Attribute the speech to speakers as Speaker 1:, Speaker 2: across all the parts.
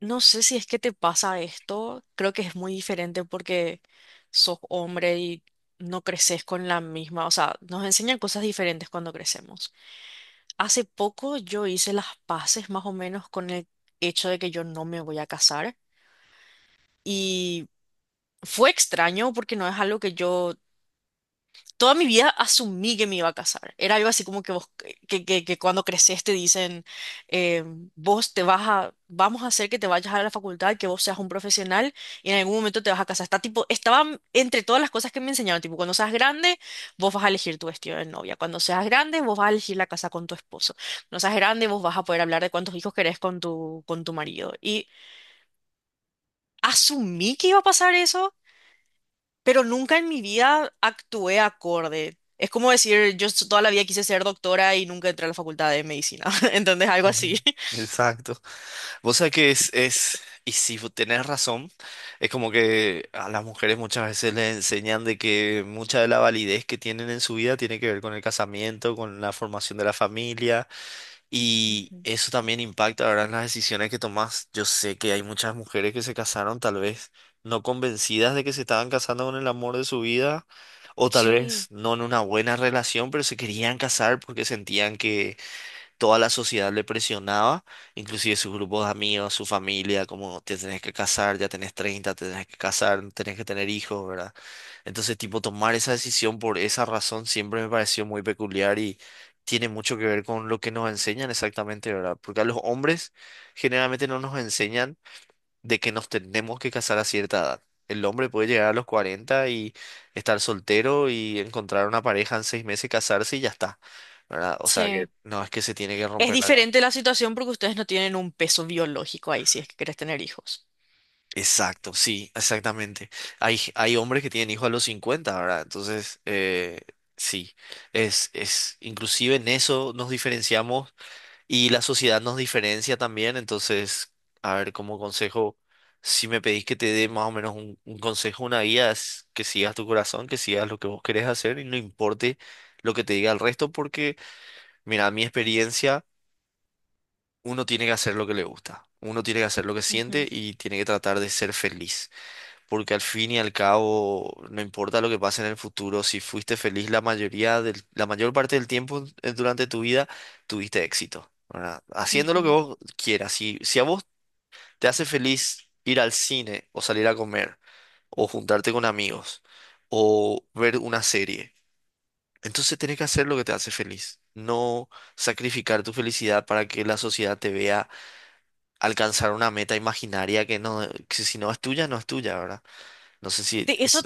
Speaker 1: No sé si es que te pasa esto, creo que es muy diferente porque sos hombre y no creces con la misma, o sea, nos enseñan cosas diferentes cuando crecemos. Hace poco yo hice las paces más o menos con el hecho de que yo no me voy a casar y fue extraño porque no es algo que yo toda mi vida asumí que me iba a casar. Era algo así como que vos, que cuando creces te dicen, eh, vos te vas a, vamos a hacer que te vayas a la facultad, que vos seas un profesional y en algún momento te vas a casar. Está tipo, estaba entre todas las cosas que me enseñaron, tipo, cuando seas grande, vos vas a elegir tu vestido de novia. Cuando seas grande, vos vas a elegir la casa con tu esposo. Cuando seas grande, vos vas a poder hablar de cuántos hijos querés con tu marido. Y asumí que iba a pasar eso, pero nunca en mi vida actué acorde. Es como decir, toda la vida quise ser doctora y nunca entré a la facultad de medicina. ¿Entendés? Algo
Speaker 2: Ujú.
Speaker 1: así.
Speaker 2: Exacto. Vos sabés que y si vos tenés razón, es como que a las mujeres muchas veces les enseñan de que mucha de la validez que tienen en su vida tiene que ver con el casamiento, con la formación de la familia, y
Speaker 1: Ujú.
Speaker 2: eso también impacta, ¿verdad?, en las decisiones que tomás. Yo sé que hay muchas mujeres que se casaron tal vez no convencidas de que se estaban casando con el amor de su vida, o tal
Speaker 1: Sí,
Speaker 2: vez no en una buena relación, pero se querían casar porque sentían que toda la sociedad le presionaba, inclusive sus grupos de amigos, su familia, como te tenés que casar, ya tenés 30, te tenés que casar, tenés que tener hijos, ¿verdad? Entonces, tipo, tomar esa decisión por esa razón siempre me pareció muy peculiar y tiene mucho que ver con lo que nos enseñan exactamente, ¿verdad? Porque a los hombres generalmente no nos enseñan de que nos tenemos que casar a cierta edad. El hombre puede llegar a los 40 y estar soltero y encontrar una pareja en 6 meses, casarse y ya está. ¿Verdad? O sea que
Speaker 1: sí.
Speaker 2: no es que se tiene que
Speaker 1: Es
Speaker 2: romper la...
Speaker 1: diferente la situación porque ustedes no tienen un peso biológico ahí si es que querés tener hijos.
Speaker 2: Exacto, sí, exactamente. Hay hombres que tienen hijos a los 50, ¿verdad? Entonces, sí, inclusive en eso nos diferenciamos. Y la sociedad nos diferencia también, entonces, a ver, como consejo, si me pedís que te dé más o menos un consejo, una guía, es que sigas tu corazón, que sigas lo que vos querés hacer y no importe lo que te diga el resto, porque, mira, a mi experiencia, uno tiene que hacer lo que le gusta, uno tiene que hacer lo que siente
Speaker 1: Ujú,
Speaker 2: y tiene que tratar de ser feliz, porque al fin y al cabo, no importa lo que pase en el futuro, si fuiste feliz la mayoría del, la mayor parte del tiempo durante tu vida, tuviste éxito, ¿verdad? Haciendo lo que
Speaker 1: ujú.
Speaker 2: vos quieras. Si a vos te hace feliz ir al cine o salir a comer o juntarte con amigos o ver una serie, entonces tenés que hacer lo que te hace feliz. No sacrificar tu felicidad para que la sociedad te vea alcanzar una meta imaginaria que si no es tuya, no es tuya, ¿verdad? No sé si.
Speaker 1: Eso,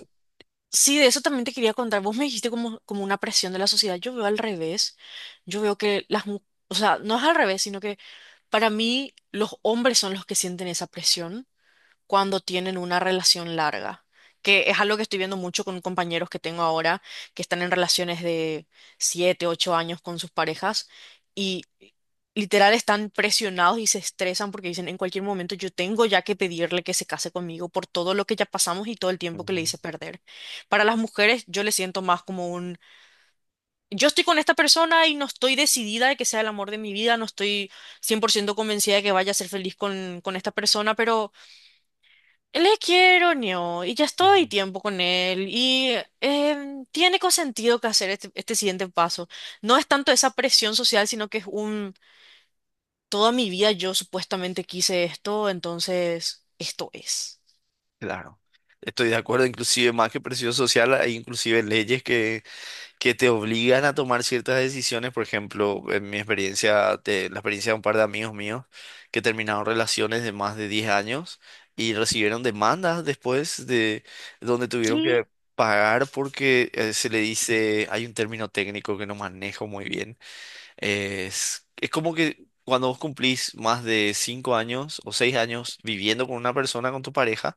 Speaker 1: sí, de eso también te quería contar. Vos me dijiste como una presión de la sociedad. Yo veo al revés. Yo veo que las mujeres, o sea, no es al revés, sino que para mí los hombres son los que sienten esa presión cuando tienen una relación larga, que es algo que estoy viendo mucho con compañeros que tengo ahora, que están en relaciones de 7 8 años con sus parejas y literal están presionados y se estresan porque dicen, en cualquier momento yo tengo ya que pedirle que se case conmigo por todo lo que ya pasamos y todo el tiempo que le
Speaker 2: Ujú,
Speaker 1: hice perder. Para las mujeres yo le siento más yo estoy con esta persona y no estoy decidida de que sea el amor de mi vida, no estoy 100% convencida de que vaya a ser feliz con esta persona, pero le quiero, Neo, y ya estoy
Speaker 2: ujú.
Speaker 1: tiempo con él, y tiene consentido que hacer este, este siguiente paso. No es tanto esa presión social, sino que toda mi vida yo supuestamente quise esto, entonces esto es.
Speaker 2: Claro, estoy de acuerdo, inclusive más que presión social, hay inclusive leyes que te obligan a tomar ciertas decisiones, por ejemplo, en mi experiencia, la experiencia de un par de amigos míos que terminaron relaciones de más de 10 años y recibieron demandas después, de donde tuvieron
Speaker 1: ¿Qué?
Speaker 2: que pagar porque se le dice, hay un término técnico que no manejo muy bien. Es como que cuando vos cumplís más de 5 años o 6 años viviendo con una persona, con tu pareja,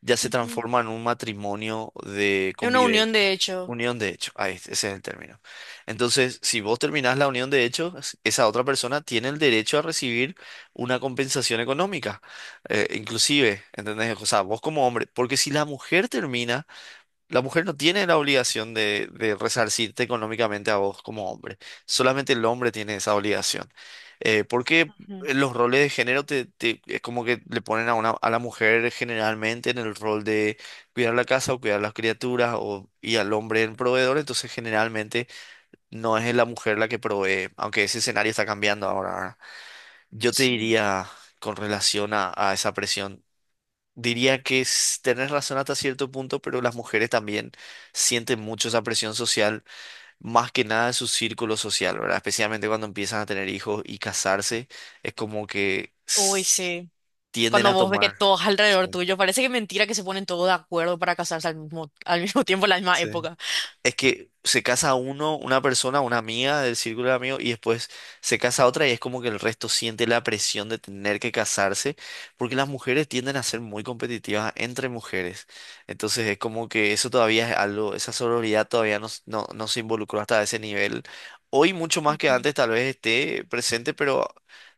Speaker 2: ya se
Speaker 1: Ujú.
Speaker 2: transforma en un matrimonio de
Speaker 1: Es una unión, de
Speaker 2: convivencia.
Speaker 1: hecho.
Speaker 2: Unión de hecho, ahí, ese es el término. Entonces, si vos terminás la unión de hecho, esa otra persona tiene el derecho a recibir una compensación económica, inclusive, ¿entendés? O sea, vos como hombre, porque si la mujer termina, la mujer no tiene la obligación de, resarcirte económicamente a vos como hombre. Solamente el hombre tiene esa obligación. Porque
Speaker 1: Ujú.
Speaker 2: los roles de género es como que le ponen a la mujer generalmente en el rol de cuidar la casa o cuidar las criaturas o, y al hombre en proveedor. Entonces generalmente no es la mujer la que provee, aunque ese escenario está cambiando ahora, ¿verdad? Yo te
Speaker 1: Sí.
Speaker 2: diría con relación a, esa presión. Diría tenés razón hasta cierto punto, pero las mujeres también sienten mucho esa presión social, más que nada de su círculo social, ¿verdad? Especialmente cuando empiezan a tener hijos y casarse, es como que
Speaker 1: Uy, sí.
Speaker 2: tienden
Speaker 1: Cuando
Speaker 2: a
Speaker 1: vos ves que
Speaker 2: tomar.
Speaker 1: todos
Speaker 2: Sí.
Speaker 1: alrededor tuyo, parece que es mentira que se ponen todos de acuerdo para casarse al mismo tiempo, en la misma
Speaker 2: Sí.
Speaker 1: época.
Speaker 2: Es que se casa uno, una persona, una amiga del círculo de amigos, y después se casa otra, y es como que el resto siente la presión de tener que casarse, porque las mujeres tienden a ser muy competitivas entre mujeres. Entonces es como que eso todavía es algo, esa sororidad todavía no, no, no se involucró hasta ese nivel. Hoy mucho más que antes tal vez esté presente, pero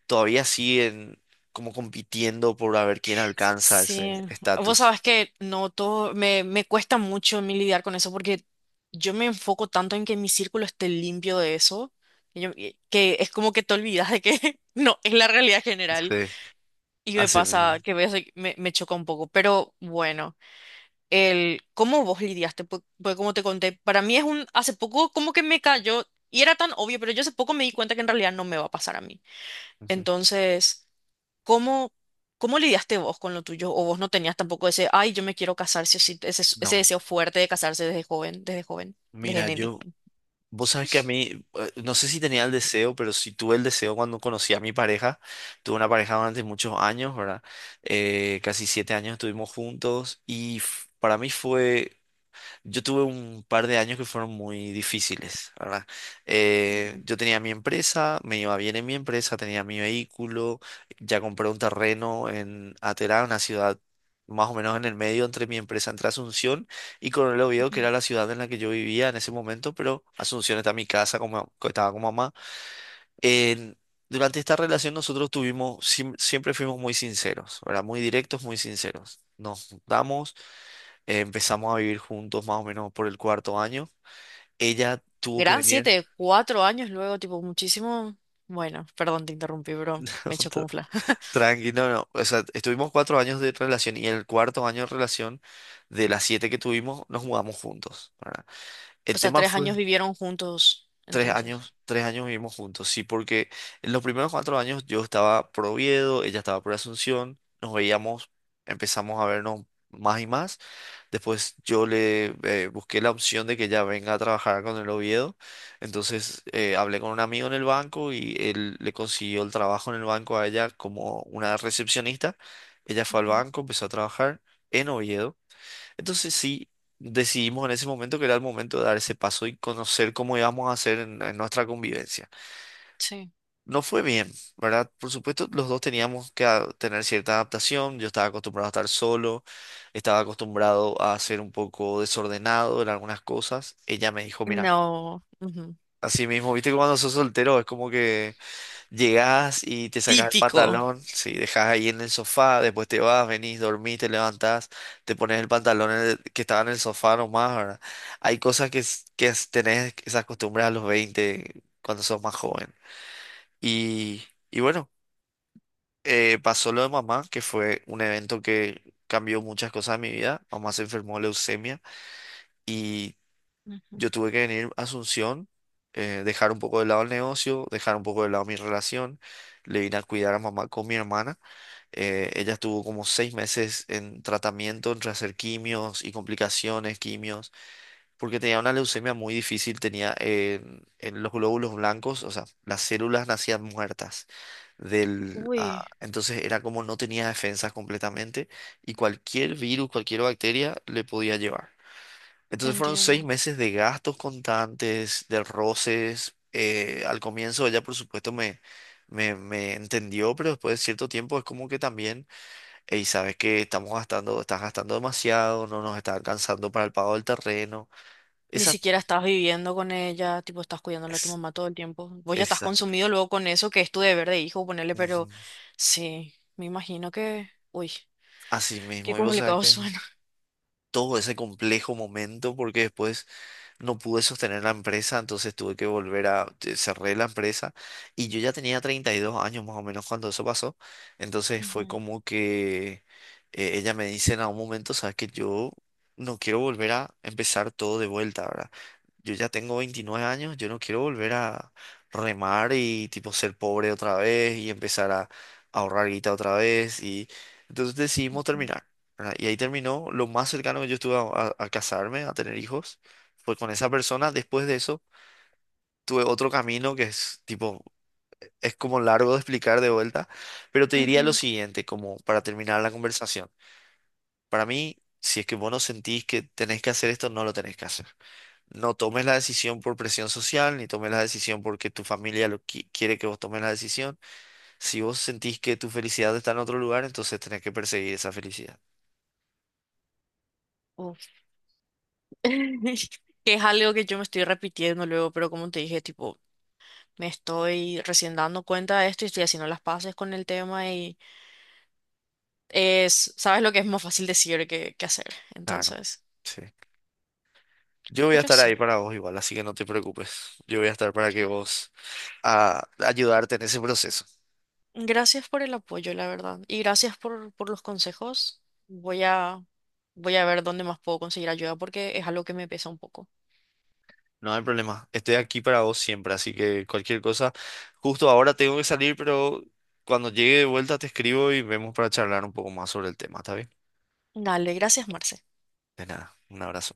Speaker 2: todavía siguen como compitiendo por a ver quién alcanza
Speaker 1: Sí,
Speaker 2: ese
Speaker 1: vos
Speaker 2: estatus.
Speaker 1: sabés que no todo, me cuesta mucho a mí lidiar con eso porque yo me enfoco tanto en que mi círculo esté limpio de eso, que es como que te olvidas de que no es la realidad
Speaker 2: Sí,
Speaker 1: general y me
Speaker 2: así
Speaker 1: pasa
Speaker 2: mismo.
Speaker 1: que ves, me choca un poco, pero bueno, el cómo vos lidiaste, pues como te conté, para mí es un, hace poco como que me cayó y era tan obvio, pero yo hace poco me di cuenta que en realidad no me va a pasar a mí.
Speaker 2: Ujú.
Speaker 1: Entonces, ¿cómo, cómo lidiaste vos con lo tuyo? ¿O vos no tenías tampoco ese, ay, yo me quiero casar, sí o sí", ese
Speaker 2: No,
Speaker 1: deseo fuerte de casarse desde joven, desde
Speaker 2: mira,
Speaker 1: neni?
Speaker 2: yo... Vos sabés que a mí, no sé si tenía el deseo, pero sí tuve el deseo cuando conocí a mi pareja. Tuve una pareja durante muchos años, ¿verdad? Casi 7 años estuvimos juntos para mí fue, yo tuve un par de años que fueron muy difíciles, ¿verdad? Yo tenía mi empresa, me iba bien en mi empresa, tenía mi vehículo, ya compré un terreno en Aterá, una ciudad más o menos en el medio entre mi empresa, entre Asunción y Coronel Oviedo, que era la ciudad en la que yo vivía en ese momento, pero Asunción está mi casa, como, estaba con mamá. En- durante esta relación nosotros tuvimos, siempre fuimos muy sinceros, ¿verdad? Muy directos, muy sinceros. Nos juntamos. Empezamos a vivir juntos más o menos por el cuarto año. Ella tuvo que
Speaker 1: Gran
Speaker 2: venir.
Speaker 1: siete, 4 años luego, tipo, muchísimo. Bueno, perdón, te interrumpí, bro. Me chocunfla.
Speaker 2: Tranquilo, no, no. O sea, estuvimos 4 años de relación y en el cuarto año de relación, de las siete que tuvimos, nos mudamos juntos, ¿verdad?
Speaker 1: O
Speaker 2: El
Speaker 1: sea,
Speaker 2: tema
Speaker 1: tres
Speaker 2: fue
Speaker 1: años vivieron juntos, entonces.
Speaker 2: tres años vivimos juntos, sí, porque en los primeros 4 años yo estaba por Oviedo, ella estaba por Asunción, nos veíamos, empezamos a vernos más y más. Después yo le busqué la opción de que ya venga a trabajar con el Oviedo. Entonces hablé con un amigo en el banco y él le consiguió el trabajo en el banco a ella como una recepcionista. Ella fue al
Speaker 1: Ujú.
Speaker 2: banco, empezó a trabajar en Oviedo. Entonces sí, decidimos en ese momento que era el momento de dar ese paso y conocer cómo íbamos a hacer en nuestra convivencia.
Speaker 1: Sí.
Speaker 2: No fue bien, ¿verdad? Por supuesto, los dos teníamos que tener cierta adaptación. Yo estaba acostumbrado a estar solo, estaba acostumbrado a ser un poco desordenado en algunas cosas. Ella me dijo, mira,
Speaker 1: No. Ujú.
Speaker 2: así mismo, viste que cuando sos soltero es como que llegás y te sacás el
Speaker 1: Típico.
Speaker 2: pantalón, sí, dejás ahí en el sofá, después te vas, venís, dormís, te levantás, te pones el pantalón en el- que estaba en el sofá nomás, ¿verdad? Hay cosas que, tenés esas costumbres a los 20 cuando sos más joven. Y, y bueno. Pasó lo de mamá, que fue un evento que cambió muchas cosas en mi vida. Mamá se enfermó de leucemia y
Speaker 1: Ujú.
Speaker 2: yo tuve que venir a Asunción, dejar un poco de lado el negocio, dejar un poco de lado mi relación. Le vine a cuidar a mamá con mi hermana. Ella estuvo como 6 meses en tratamiento entre hacer quimios y complicaciones, quimios porque tenía una leucemia muy difícil, tenía en los glóbulos blancos, o sea, las células nacían muertas. Del, ah,
Speaker 1: Uy,
Speaker 2: entonces era como no tenía defensas completamente y cualquier virus, cualquier bacteria le podía llevar. Entonces fueron seis
Speaker 1: entiendo.
Speaker 2: meses de gastos constantes, de roces. Al comienzo ella, por supuesto, me entendió, pero después de cierto tiempo es como que también, y sabes que estamos gastando, estás gastando demasiado, no nos está alcanzando para el pago del terreno.
Speaker 1: Ni siquiera estás viviendo con ella, tipo, estás cuidándole a tu
Speaker 2: Es,
Speaker 1: mamá todo el tiempo. Vos ya estás
Speaker 2: esa-
Speaker 1: consumido luego con eso, que es tu deber de hijo, ponerle,
Speaker 2: ujú,
Speaker 1: pero sí, me imagino que, uy,
Speaker 2: así
Speaker 1: qué
Speaker 2: mismo, y vos sabés
Speaker 1: complicado
Speaker 2: que
Speaker 1: suena.
Speaker 2: todo ese complejo momento, porque después no pude sostener la empresa, entonces tuve que volver cerré la empresa y yo ya tenía 32 años más o menos cuando eso pasó, entonces fue
Speaker 1: Ujú,
Speaker 2: como que ella me dice en algún momento, sabes que yo no quiero volver a empezar todo de vuelta, ¿verdad? Yo ya tengo 29 años, yo no quiero volver a remar y tipo ser pobre otra vez y empezar a ahorrar guita otra vez y entonces decidimos
Speaker 1: ujú,
Speaker 2: terminar. ¿Verdad? Y ahí terminó lo más cercano que yo estuve a casarme, a tener hijos. Pues con esa persona, después de eso, tuve otro camino que es tipo, es como largo de explicar de vuelta, pero te diría lo
Speaker 1: ujú.
Speaker 2: siguiente, como para terminar la conversación. Para mí, si es que vos no sentís que tenés que hacer esto, no lo tenés que hacer. No tomes la decisión por presión social, ni tomes la decisión porque tu familia lo quiere que vos tomes la decisión. Si vos sentís que tu felicidad está en otro lugar, entonces tenés que perseguir esa felicidad.
Speaker 1: Uf. Que es algo que yo me estoy repitiendo luego, pero como te dije, tipo, me estoy recién dando cuenta de esto y estoy haciendo las paces con el tema y es, sabes lo que es más fácil decir que hacer,
Speaker 2: Claro,
Speaker 1: entonces,
Speaker 2: sí. Yo voy a
Speaker 1: pero
Speaker 2: estar ahí
Speaker 1: sí.
Speaker 2: para vos igual, así que no te preocupes. Yo voy a estar para que vos... a ayudarte en ese proceso.
Speaker 1: Gracias por el apoyo, la verdad. Y gracias por los consejos. Voy a, voy a ver dónde más puedo conseguir ayuda porque es algo que me pesa un poco.
Speaker 2: No hay problema. Estoy aquí para vos siempre, así que cualquier cosa. Justo ahora tengo que salir, pero cuando llegue de vuelta te escribo y vemos para charlar un poco más sobre el tema, ¿está bien?
Speaker 1: Dale, gracias, Marce.
Speaker 2: De nada, un abrazo.